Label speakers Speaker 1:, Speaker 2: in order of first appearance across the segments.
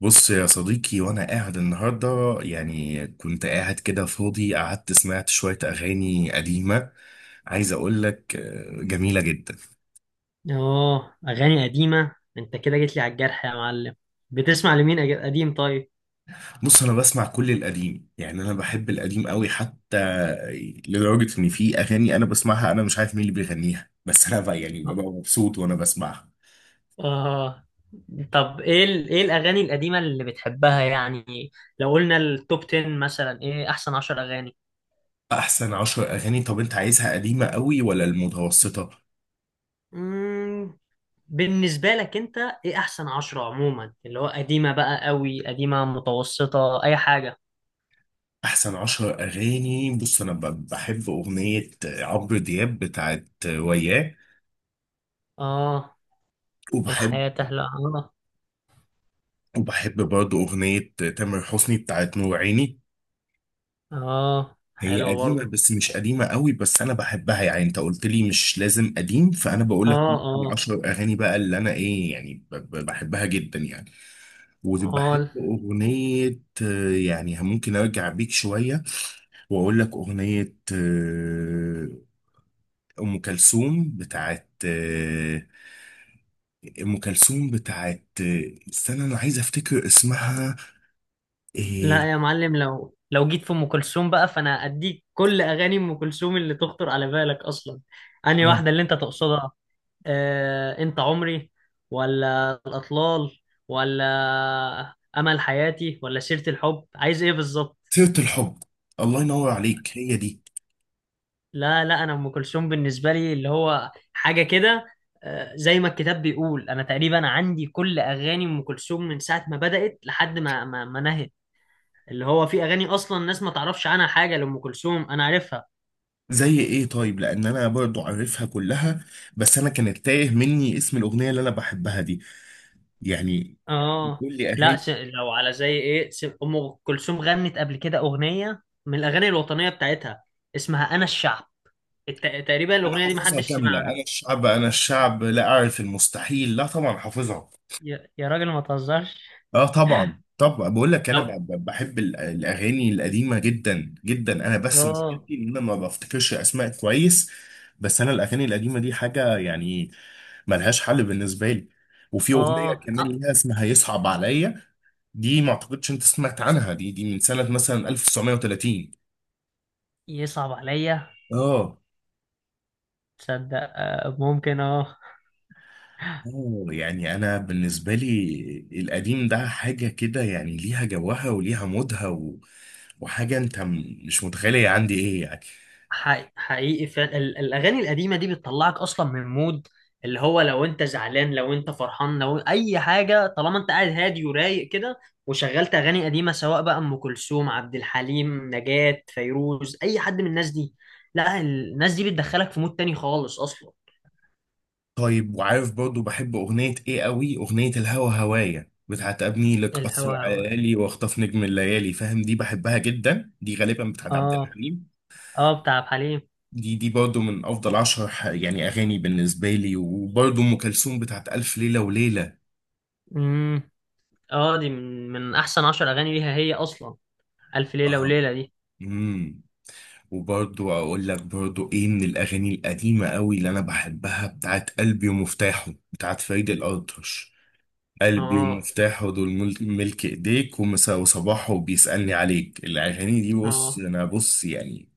Speaker 1: بص يا صديقي، وانا قاعد النهارده، يعني كنت قاعد كده فاضي، قعدت سمعت شويه اغاني قديمه. عايز اقول لك جميله جدا.
Speaker 2: اه، اغاني قديمه انت كده جيت لي على الجرح يا معلم. بتسمع لمين قديم؟ طيب.
Speaker 1: بص، انا بسمع كل القديم، يعني انا بحب القديم قوي، حتى لدرجه ان في اغاني انا بسمعها، انا مش عارف مين اللي بيغنيها بس انا بقى يعني ببقى مبسوط وانا بسمعها.
Speaker 2: اه، طب، ايه ايه الاغاني القديمه اللي بتحبها يعني؟ لو قلنا التوب 10 مثلا، ايه احسن 10 اغاني؟
Speaker 1: احسن عشر اغاني؟ طب انت عايزها قديمه قوي ولا المتوسطه؟
Speaker 2: مم. بالنسبه لك انت، ايه احسن 10 عموما؟ اللي هو قديمه بقى قوي، قديمه متوسطه، اي حاجه.
Speaker 1: احسن عشر اغاني، بص انا بحب اغنيه عمرو دياب بتاعت وياه.
Speaker 2: اه،
Speaker 1: وبحب
Speaker 2: الحياه تهلا، اه.
Speaker 1: وبحب برضه أغنية تامر حسني بتاعت نور عيني.
Speaker 2: اه،
Speaker 1: هي
Speaker 2: حلوه
Speaker 1: قديمة
Speaker 2: برضو.
Speaker 1: بس مش قديمة قوي، بس أنا بحبها، يعني أنت قلت لي مش لازم قديم فأنا بقول لك.
Speaker 2: اه، اه.
Speaker 1: العشر أغاني بقى اللي أنا إيه، يعني بحبها جدا يعني. وبحب
Speaker 2: اه،
Speaker 1: أغنية، يعني ممكن أرجع بيك شوية وأقول لك أغنية، أم كلثوم بتاعت، أم كلثوم بتاعت، استنى أنا عايز أفتكر اسمها إيه.
Speaker 2: لا يا معلم، لو جيت في ام كلثوم بقى فانا اديك كل اغاني ام كلثوم اللي تخطر على بالك اصلا. انهي
Speaker 1: آه.
Speaker 2: واحده اللي انت تقصدها؟ انت عمري؟ ولا الاطلال؟ ولا امل حياتي ولا سيره الحب؟ عايز ايه بالظبط؟
Speaker 1: سيرة الحب، الله ينور عليك، هي دي.
Speaker 2: لا لا، انا ام كلثوم بالنسبه لي اللي هو حاجه كده. زي ما الكتاب بيقول انا تقريبا عندي كل اغاني ام كلثوم من ساعه ما بدات لحد ما نهت. اللي هو في اغاني اصلا الناس ما تعرفش عنها حاجه لام كلثوم، انا عارفها.
Speaker 1: زي ايه؟ طيب، لان انا برضو عارفها كلها، بس انا كانت تايه مني اسم الاغنيه اللي انا بحبها دي يعني.
Speaker 2: اه،
Speaker 1: بتقول لي
Speaker 2: لا.
Speaker 1: اغاني؟
Speaker 2: لو على زي ايه، ام كلثوم غنت قبل كده اغنيه من الاغاني الوطنيه بتاعتها. اسمها انا الشعب. تقريبا
Speaker 1: انا
Speaker 2: الاغنيه دي
Speaker 1: حافظها
Speaker 2: محدش
Speaker 1: كامله:
Speaker 2: سمعها.
Speaker 1: انا الشعب، انا الشعب لا اعرف المستحيل، لا طبعا حافظها.
Speaker 2: يا راجل ما تهزرش.
Speaker 1: اه، طبعا طبعا، بقول لك انا
Speaker 2: طب،
Speaker 1: بحب الاغاني القديمه جدا جدا، انا بس
Speaker 2: اه،
Speaker 1: مشكلتي ان انا ما بفتكرش اسماء كويس. بس انا الاغاني القديمه دي حاجه يعني ملهاش حل بالنسبه لي. وفي اغنيه
Speaker 2: اه،
Speaker 1: كمان ليها اسمها يصعب عليا، دي ما اعتقدش انت سمعت عنها، دي من سنه مثلا 1930.
Speaker 2: يصعب عليا.
Speaker 1: اه
Speaker 2: تصدق؟ ممكن، اه.
Speaker 1: اه، يعني انا بالنسبه لي القديم ده حاجه كده، يعني ليها جوها وليها مودها، وحاجه انت مش متخيله هي عندي ايه يعني.
Speaker 2: حقيقي حقيقي، فعلا الاغاني القديمه دي بتطلعك اصلا من مود. اللي هو لو انت زعلان، لو انت فرحان، لو اي حاجه، طالما انت قاعد هادي ورايق كده، وشغلت اغاني قديمه سواء بقى ام كلثوم، عبد الحليم، نجاة، فيروز، اي حد من الناس دي، لا، الناس دي بتدخلك في مود تاني خالص اصلا.
Speaker 1: طيب، وعارف برضو بحب أغنية إيه قوي؟ أغنية الهوى هوايا بتاعت أبني لك قصر
Speaker 2: الهوا هوا.
Speaker 1: عالي وأخطف نجم الليالي، فاهم؟ دي بحبها جدا، دي غالبا بتاعت عبد
Speaker 2: اه.
Speaker 1: الحليم.
Speaker 2: اه، بتاع عبد الحليم.
Speaker 1: دي برضو من أفضل عشر يعني أغاني بالنسبة لي، وبرضو أم كلثوم بتاعت ألف ليلة وليلة.
Speaker 2: امم. اه، دي من احسن 10 اغاني ليها هي اصلا، الف ليله
Speaker 1: آه.
Speaker 2: وليله دي.
Speaker 1: امم وبرضو أقول لك برضو إيه من الأغاني القديمة قوي اللي أنا بحبها، بتاعت قلبي ومفتاحه بتاعت فريد الأطرش. قلبي
Speaker 2: اه،
Speaker 1: ومفتاحه، دول ملك ايديك، وصباحه بيسألني عليك. الاغاني دي، بص
Speaker 2: اه.
Speaker 1: انا، بص يعني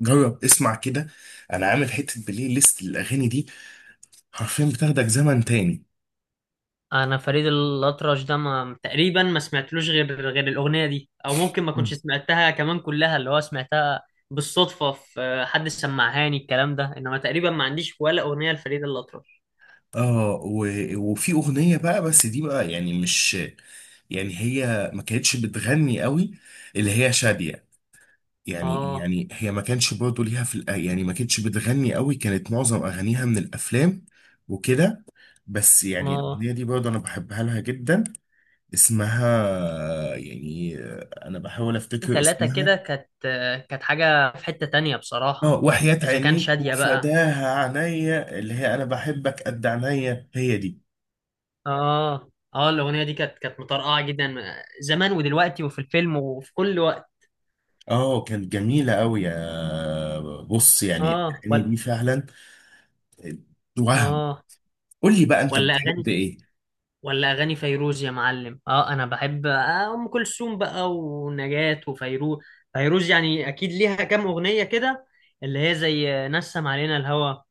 Speaker 1: جرب اسمع كده. انا عامل حتة بلاي ليست للاغاني دي، حرفيا بتاخدك زمن تاني.
Speaker 2: انا فريد الاطرش ده ما تقريبا ما سمعتلوش غير الاغنيه دي، او ممكن ما كنتش سمعتها كمان كلها، اللي هو سمعتها بالصدفه، في حد سمعهاني الكلام ده. انما تقريبا ما عنديش ولا اغنيه لفريد الاطرش.
Speaker 1: اه، وفي اغنية بقى، بس دي بقى يعني مش، يعني هي ما كانتش بتغني قوي، اللي هي شادية. يعني
Speaker 2: اه،
Speaker 1: هي ما كانش برضه ليها في يعني ما كانتش بتغني قوي، كانت معظم اغانيها من الافلام وكده. بس يعني
Speaker 2: ما
Speaker 1: الأغنية دي برضه أنا بحبها لها جدا، اسمها يعني، أنا بحاول أفتكر
Speaker 2: ثلاثه
Speaker 1: اسمها.
Speaker 2: كده كانت حاجه في حته تانية
Speaker 1: اه،
Speaker 2: بصراحه.
Speaker 1: وحياة
Speaker 2: اذا كان
Speaker 1: عينيك
Speaker 2: شاديه بقى،
Speaker 1: وفداها عينيا، اللي هي أنا بحبك قد عينيا، هي دي.
Speaker 2: اه، اه، الاغنيه دي كانت مطرقعه جدا، زمان ودلوقتي وفي الفيلم وفي كل وقت.
Speaker 1: اه كانت جميلة أوي، يا بص يعني
Speaker 2: اه،
Speaker 1: الأغاني
Speaker 2: ولا.
Speaker 1: دي فعلا آه، وهم.
Speaker 2: اه،
Speaker 1: قول لي بقى أنت
Speaker 2: ولا
Speaker 1: بتحب
Speaker 2: اغاني.
Speaker 1: إيه؟
Speaker 2: ولا اغاني فيروز يا معلم. اه انا بحب ام كلثوم بقى ونجاة وفيروز. فيروز يعني اكيد ليها كام اغنيه كده، اللي هي زي نسم علينا الهوى،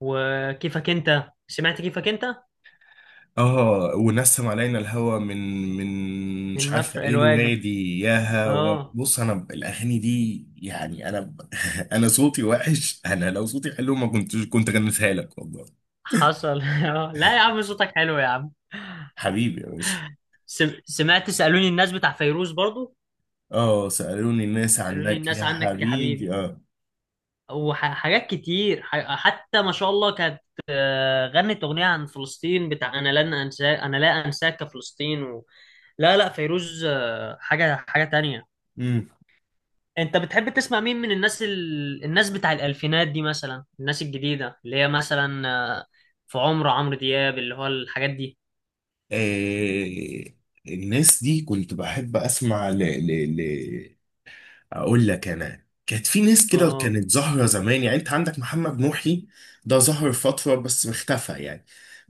Speaker 2: وكيفك انت، سمعت كيفك انت؟
Speaker 1: اه، ونسم علينا الهوى من،
Speaker 2: من
Speaker 1: مش عارفه
Speaker 2: مفرق
Speaker 1: ايه
Speaker 2: الوادي.
Speaker 1: الوادي ياها،
Speaker 2: اه،
Speaker 1: بص انا الاغاني دي يعني انا انا صوتي وحش، انا لو صوتي حلو ما كنتش كنت غنيتها لك والله.
Speaker 2: حصل. لا يا عم، صوتك حلو يا عم.
Speaker 1: حبيبي يا باشا.
Speaker 2: سمعت سالوني الناس بتاع فيروز برضو؟
Speaker 1: اه، سألوني الناس
Speaker 2: سالوني
Speaker 1: عنك
Speaker 2: الناس
Speaker 1: يا
Speaker 2: عنك يا حبيبي.
Speaker 1: حبيبي، اه.
Speaker 2: وحاجات كتير، حتى ما شاء الله، كانت غنت أغنية عن فلسطين، بتاع أنا لن أنساك، أنا لا أنساك يا فلسطين. لا لا، فيروز حاجة حاجة تانية.
Speaker 1: امم
Speaker 2: أنت بتحب تسمع مين من الناس، الناس بتاع الألفينات دي مثلا، الناس الجديدة اللي هي مثلا آه، في عمر عمرو دياب اللي هو الحاجات دي؟
Speaker 1: آه الناس دي كنت بحب اسمع ل ل ل اقول لك، انا كانت في ناس كده
Speaker 2: اه،
Speaker 1: كانت ظاهره زمان، يعني انت عندك محمد نوحي، ده ظهر فتره بس اختفى يعني.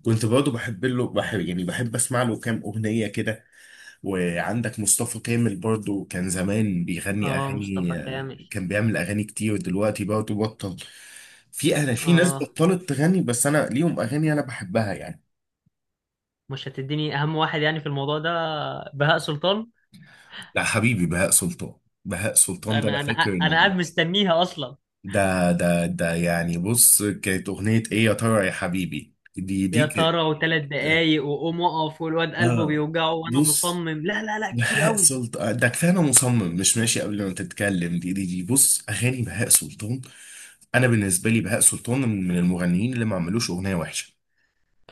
Speaker 1: كنت برضه بحب له، بحب يعني بحب اسمع له كام اغنيه كده. وعندك مصطفى كامل برضه، كان زمان بيغني
Speaker 2: اه، مصطفى
Speaker 1: اغاني،
Speaker 2: كامل.
Speaker 1: كان بيعمل اغاني كتير، دلوقتي برضه بطل. في انا في ناس
Speaker 2: اه،
Speaker 1: بطلت تغني، بس انا ليهم اغاني انا بحبها يعني.
Speaker 2: مش هتديني أهم واحد يعني في الموضوع ده؟ بهاء سلطان.
Speaker 1: لا حبيبي، بهاء سلطان. بهاء سلطان ده انا
Speaker 2: أنا أنا
Speaker 1: فاكر
Speaker 2: أنا قاعد
Speaker 1: ان.
Speaker 2: مستنيها أصلا.
Speaker 1: ده يعني بص، كانت أغنية إيه، يا ترى يا حبيبي؟ دي
Speaker 2: يا
Speaker 1: كانت،
Speaker 2: ترى، و3 دقايق، وقوم اقف، والواد قلبه
Speaker 1: آه
Speaker 2: بيوجعه، وانا
Speaker 1: بص،
Speaker 2: مصمم، لا لا لا، كتير
Speaker 1: بهاء
Speaker 2: قوي.
Speaker 1: سلطان ده كفاية، أنا مصمم مش ماشي قبل ما تتكلم. دي بص، أغاني بهاء سلطان أنا بالنسبة لي بهاء سلطان من المغنيين اللي ما عملوش أغنية وحشة.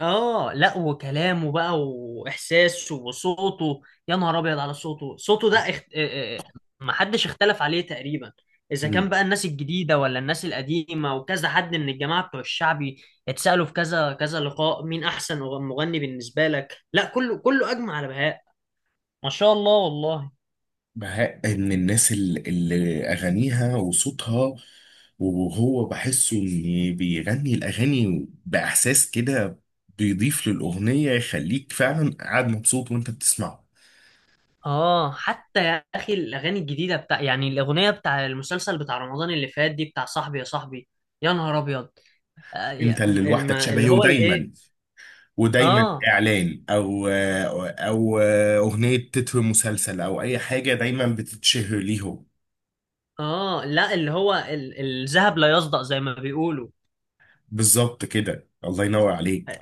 Speaker 2: اه، لا، وكلامه بقى واحساسه وصوته. يا نهار ابيض على صوته، صوته ده. اخت... آه، آه، محدش اختلف عليه تقريبا. اذا كان بقى الناس الجديده ولا الناس القديمه، وكذا حد من الجماعه بتوع الشعبي، اتسالوا في كذا كذا لقاء، مين احسن مغني بالنسبه لك؟ لا كله كله اجمع على بهاء. ما شاء الله والله.
Speaker 1: مع ان الناس اللي اغانيها وصوتها، وهو بحسه ان بيغني الاغاني باحساس كده، بيضيف للاغنيه يخليك فعلا قاعد مبسوط وانت بتسمعه.
Speaker 2: اه، حتى يا اخي الاغاني الجديده بتاع، يعني الاغنيه بتاع المسلسل بتاع رمضان اللي فات دي، بتاع صاحبي يا صاحبي. يا نهار ابيض.
Speaker 1: انت اللي لوحدك
Speaker 2: اللي
Speaker 1: شبهي،
Speaker 2: هو الايه؟
Speaker 1: ودايما ودايما
Speaker 2: اه،
Speaker 1: اعلان، او اغنيه تتر مسلسل او اي حاجه، دايما بتتشهر ليهم.
Speaker 2: اه، لا، اللي هو الذهب لا يصدأ زي ما بيقولوا.
Speaker 1: بالظبط كده، الله ينور عليك،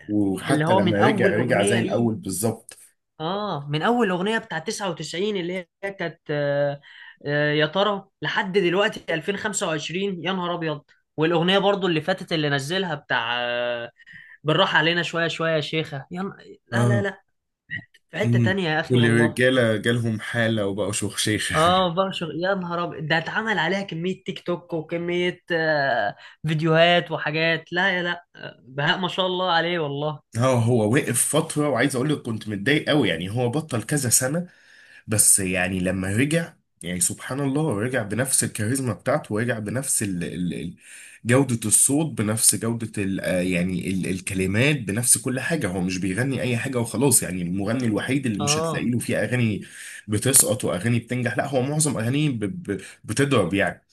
Speaker 2: اللي
Speaker 1: وحتى
Speaker 2: هو من
Speaker 1: لما رجع،
Speaker 2: اول
Speaker 1: رجع زي
Speaker 2: اغنيه ليه،
Speaker 1: الاول بالظبط.
Speaker 2: اه، من اول اغنيه بتاع 99 اللي هي كانت، يا ترى لحد دلوقتي 2025، يا نهار ابيض. والاغنيه برضو اللي فاتت اللي نزلها بتاع، بالراحه علينا شويه شويه يا شيخه، لا لا لا. في حتة
Speaker 1: مم.
Speaker 2: تانية يا أخي والله.
Speaker 1: والرجاله جالهم حاله وبقوا شيخه
Speaker 2: اه، بشر، يا نهار أبيض ده اتعمل عليها كمية تيك توك وكمية فيديوهات وحاجات. لا يا لا، بهاء ما شاء الله عليه والله.
Speaker 1: اه، هو وقف فتره، وعايز اقول لك كنت متضايق قوي، يعني هو بطل كذا سنه، بس يعني لما رجع، يعني سبحان الله، رجع بنفس الكاريزما بتاعته، ورجع بنفس ال جوده الصوت، بنفس جوده ال آه، يعني ال الكلمات، بنفس كل حاجه. هو مش بيغني اي حاجه وخلاص، يعني المغني الوحيد اللي مش هتلاقي
Speaker 2: اه،
Speaker 1: له فيه اغاني بتسقط واغاني بتنجح، لا هو معظم اغانيه بتضرب يعني.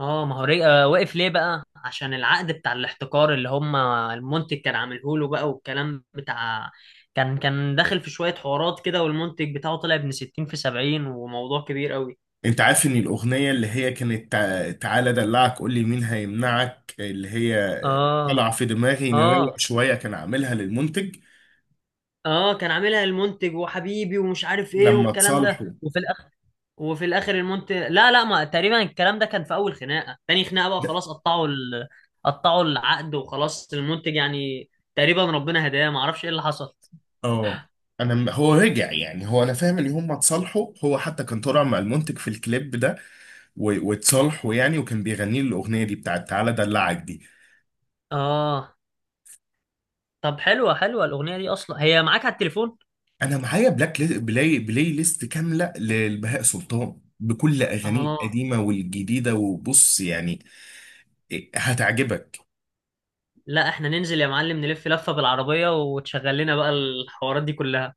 Speaker 2: اه. ما هو وقف ليه بقى؟ عشان العقد بتاع الاحتكار اللي هم المنتج كان عامله له بقى والكلام بتاع، كان داخل في شوية حوارات كده، والمنتج بتاعه طلع ابن 60 في 70 وموضوع كبير قوي.
Speaker 1: انت عارف ان الاغنيه اللي هي كانت تعالى دلعك قول لي مين هيمنعك، اللي هي
Speaker 2: اه،
Speaker 1: طالعه في دماغي
Speaker 2: اه،
Speaker 1: نروق شويه، كان عاملها للمنتج
Speaker 2: اه، كان عاملها المنتج وحبيبي ومش عارف ايه
Speaker 1: لما
Speaker 2: والكلام ده
Speaker 1: اتصالحوا.
Speaker 2: وفي الاخر المونت لا لا، ما تقريبا الكلام ده كان في اول خناقه، تاني خناقه بقى
Speaker 1: لا.
Speaker 2: خلاص، قطعوا العقد وخلاص، المنتج يعني تقريبا ربنا هداه. ما اعرفش ايه اللي حصل.
Speaker 1: اه، انا هو رجع، يعني هو انا فاهم ان هم اتصالحوا، هو حتى كان طالع مع المنتج في الكليب ده، واتصالحوا يعني، وكان بيغني له الاغنيه دي بتاعت تعالى دلعك دي.
Speaker 2: اه، طب، حلوه حلوه الاغنيه دي اصلا؟ هي معاك على التليفون؟
Speaker 1: انا معايا بلاي ليست كامله لبهاء سلطان بكل اغانيه
Speaker 2: اه،
Speaker 1: القديمه والجديده، وبص يعني إيه، هتعجبك.
Speaker 2: لا احنا ننزل يا معلم، نلف لفه بالعربيه، وتشغل لنا بقى الحوارات دي كلها.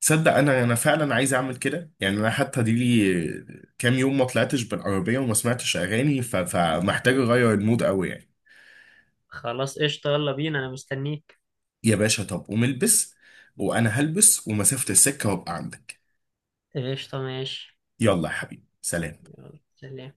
Speaker 1: تصدق انا فعلا عايز اعمل كده، يعني انا حتى دي لي كام يوم ما طلعتش بالعربيه وما سمعتش اغاني، فمحتاج اغير المود قوي يعني.
Speaker 2: خلاص، قشطه، يلا بينا، انا مستنيك.
Speaker 1: يا باشا طب قوم البس، وانا هلبس ومسافه السكه وابقى عندك.
Speaker 2: قشطه، ماشي.
Speaker 1: يلا يا حبيبي، سلام.
Speaker 2: يلا سلام.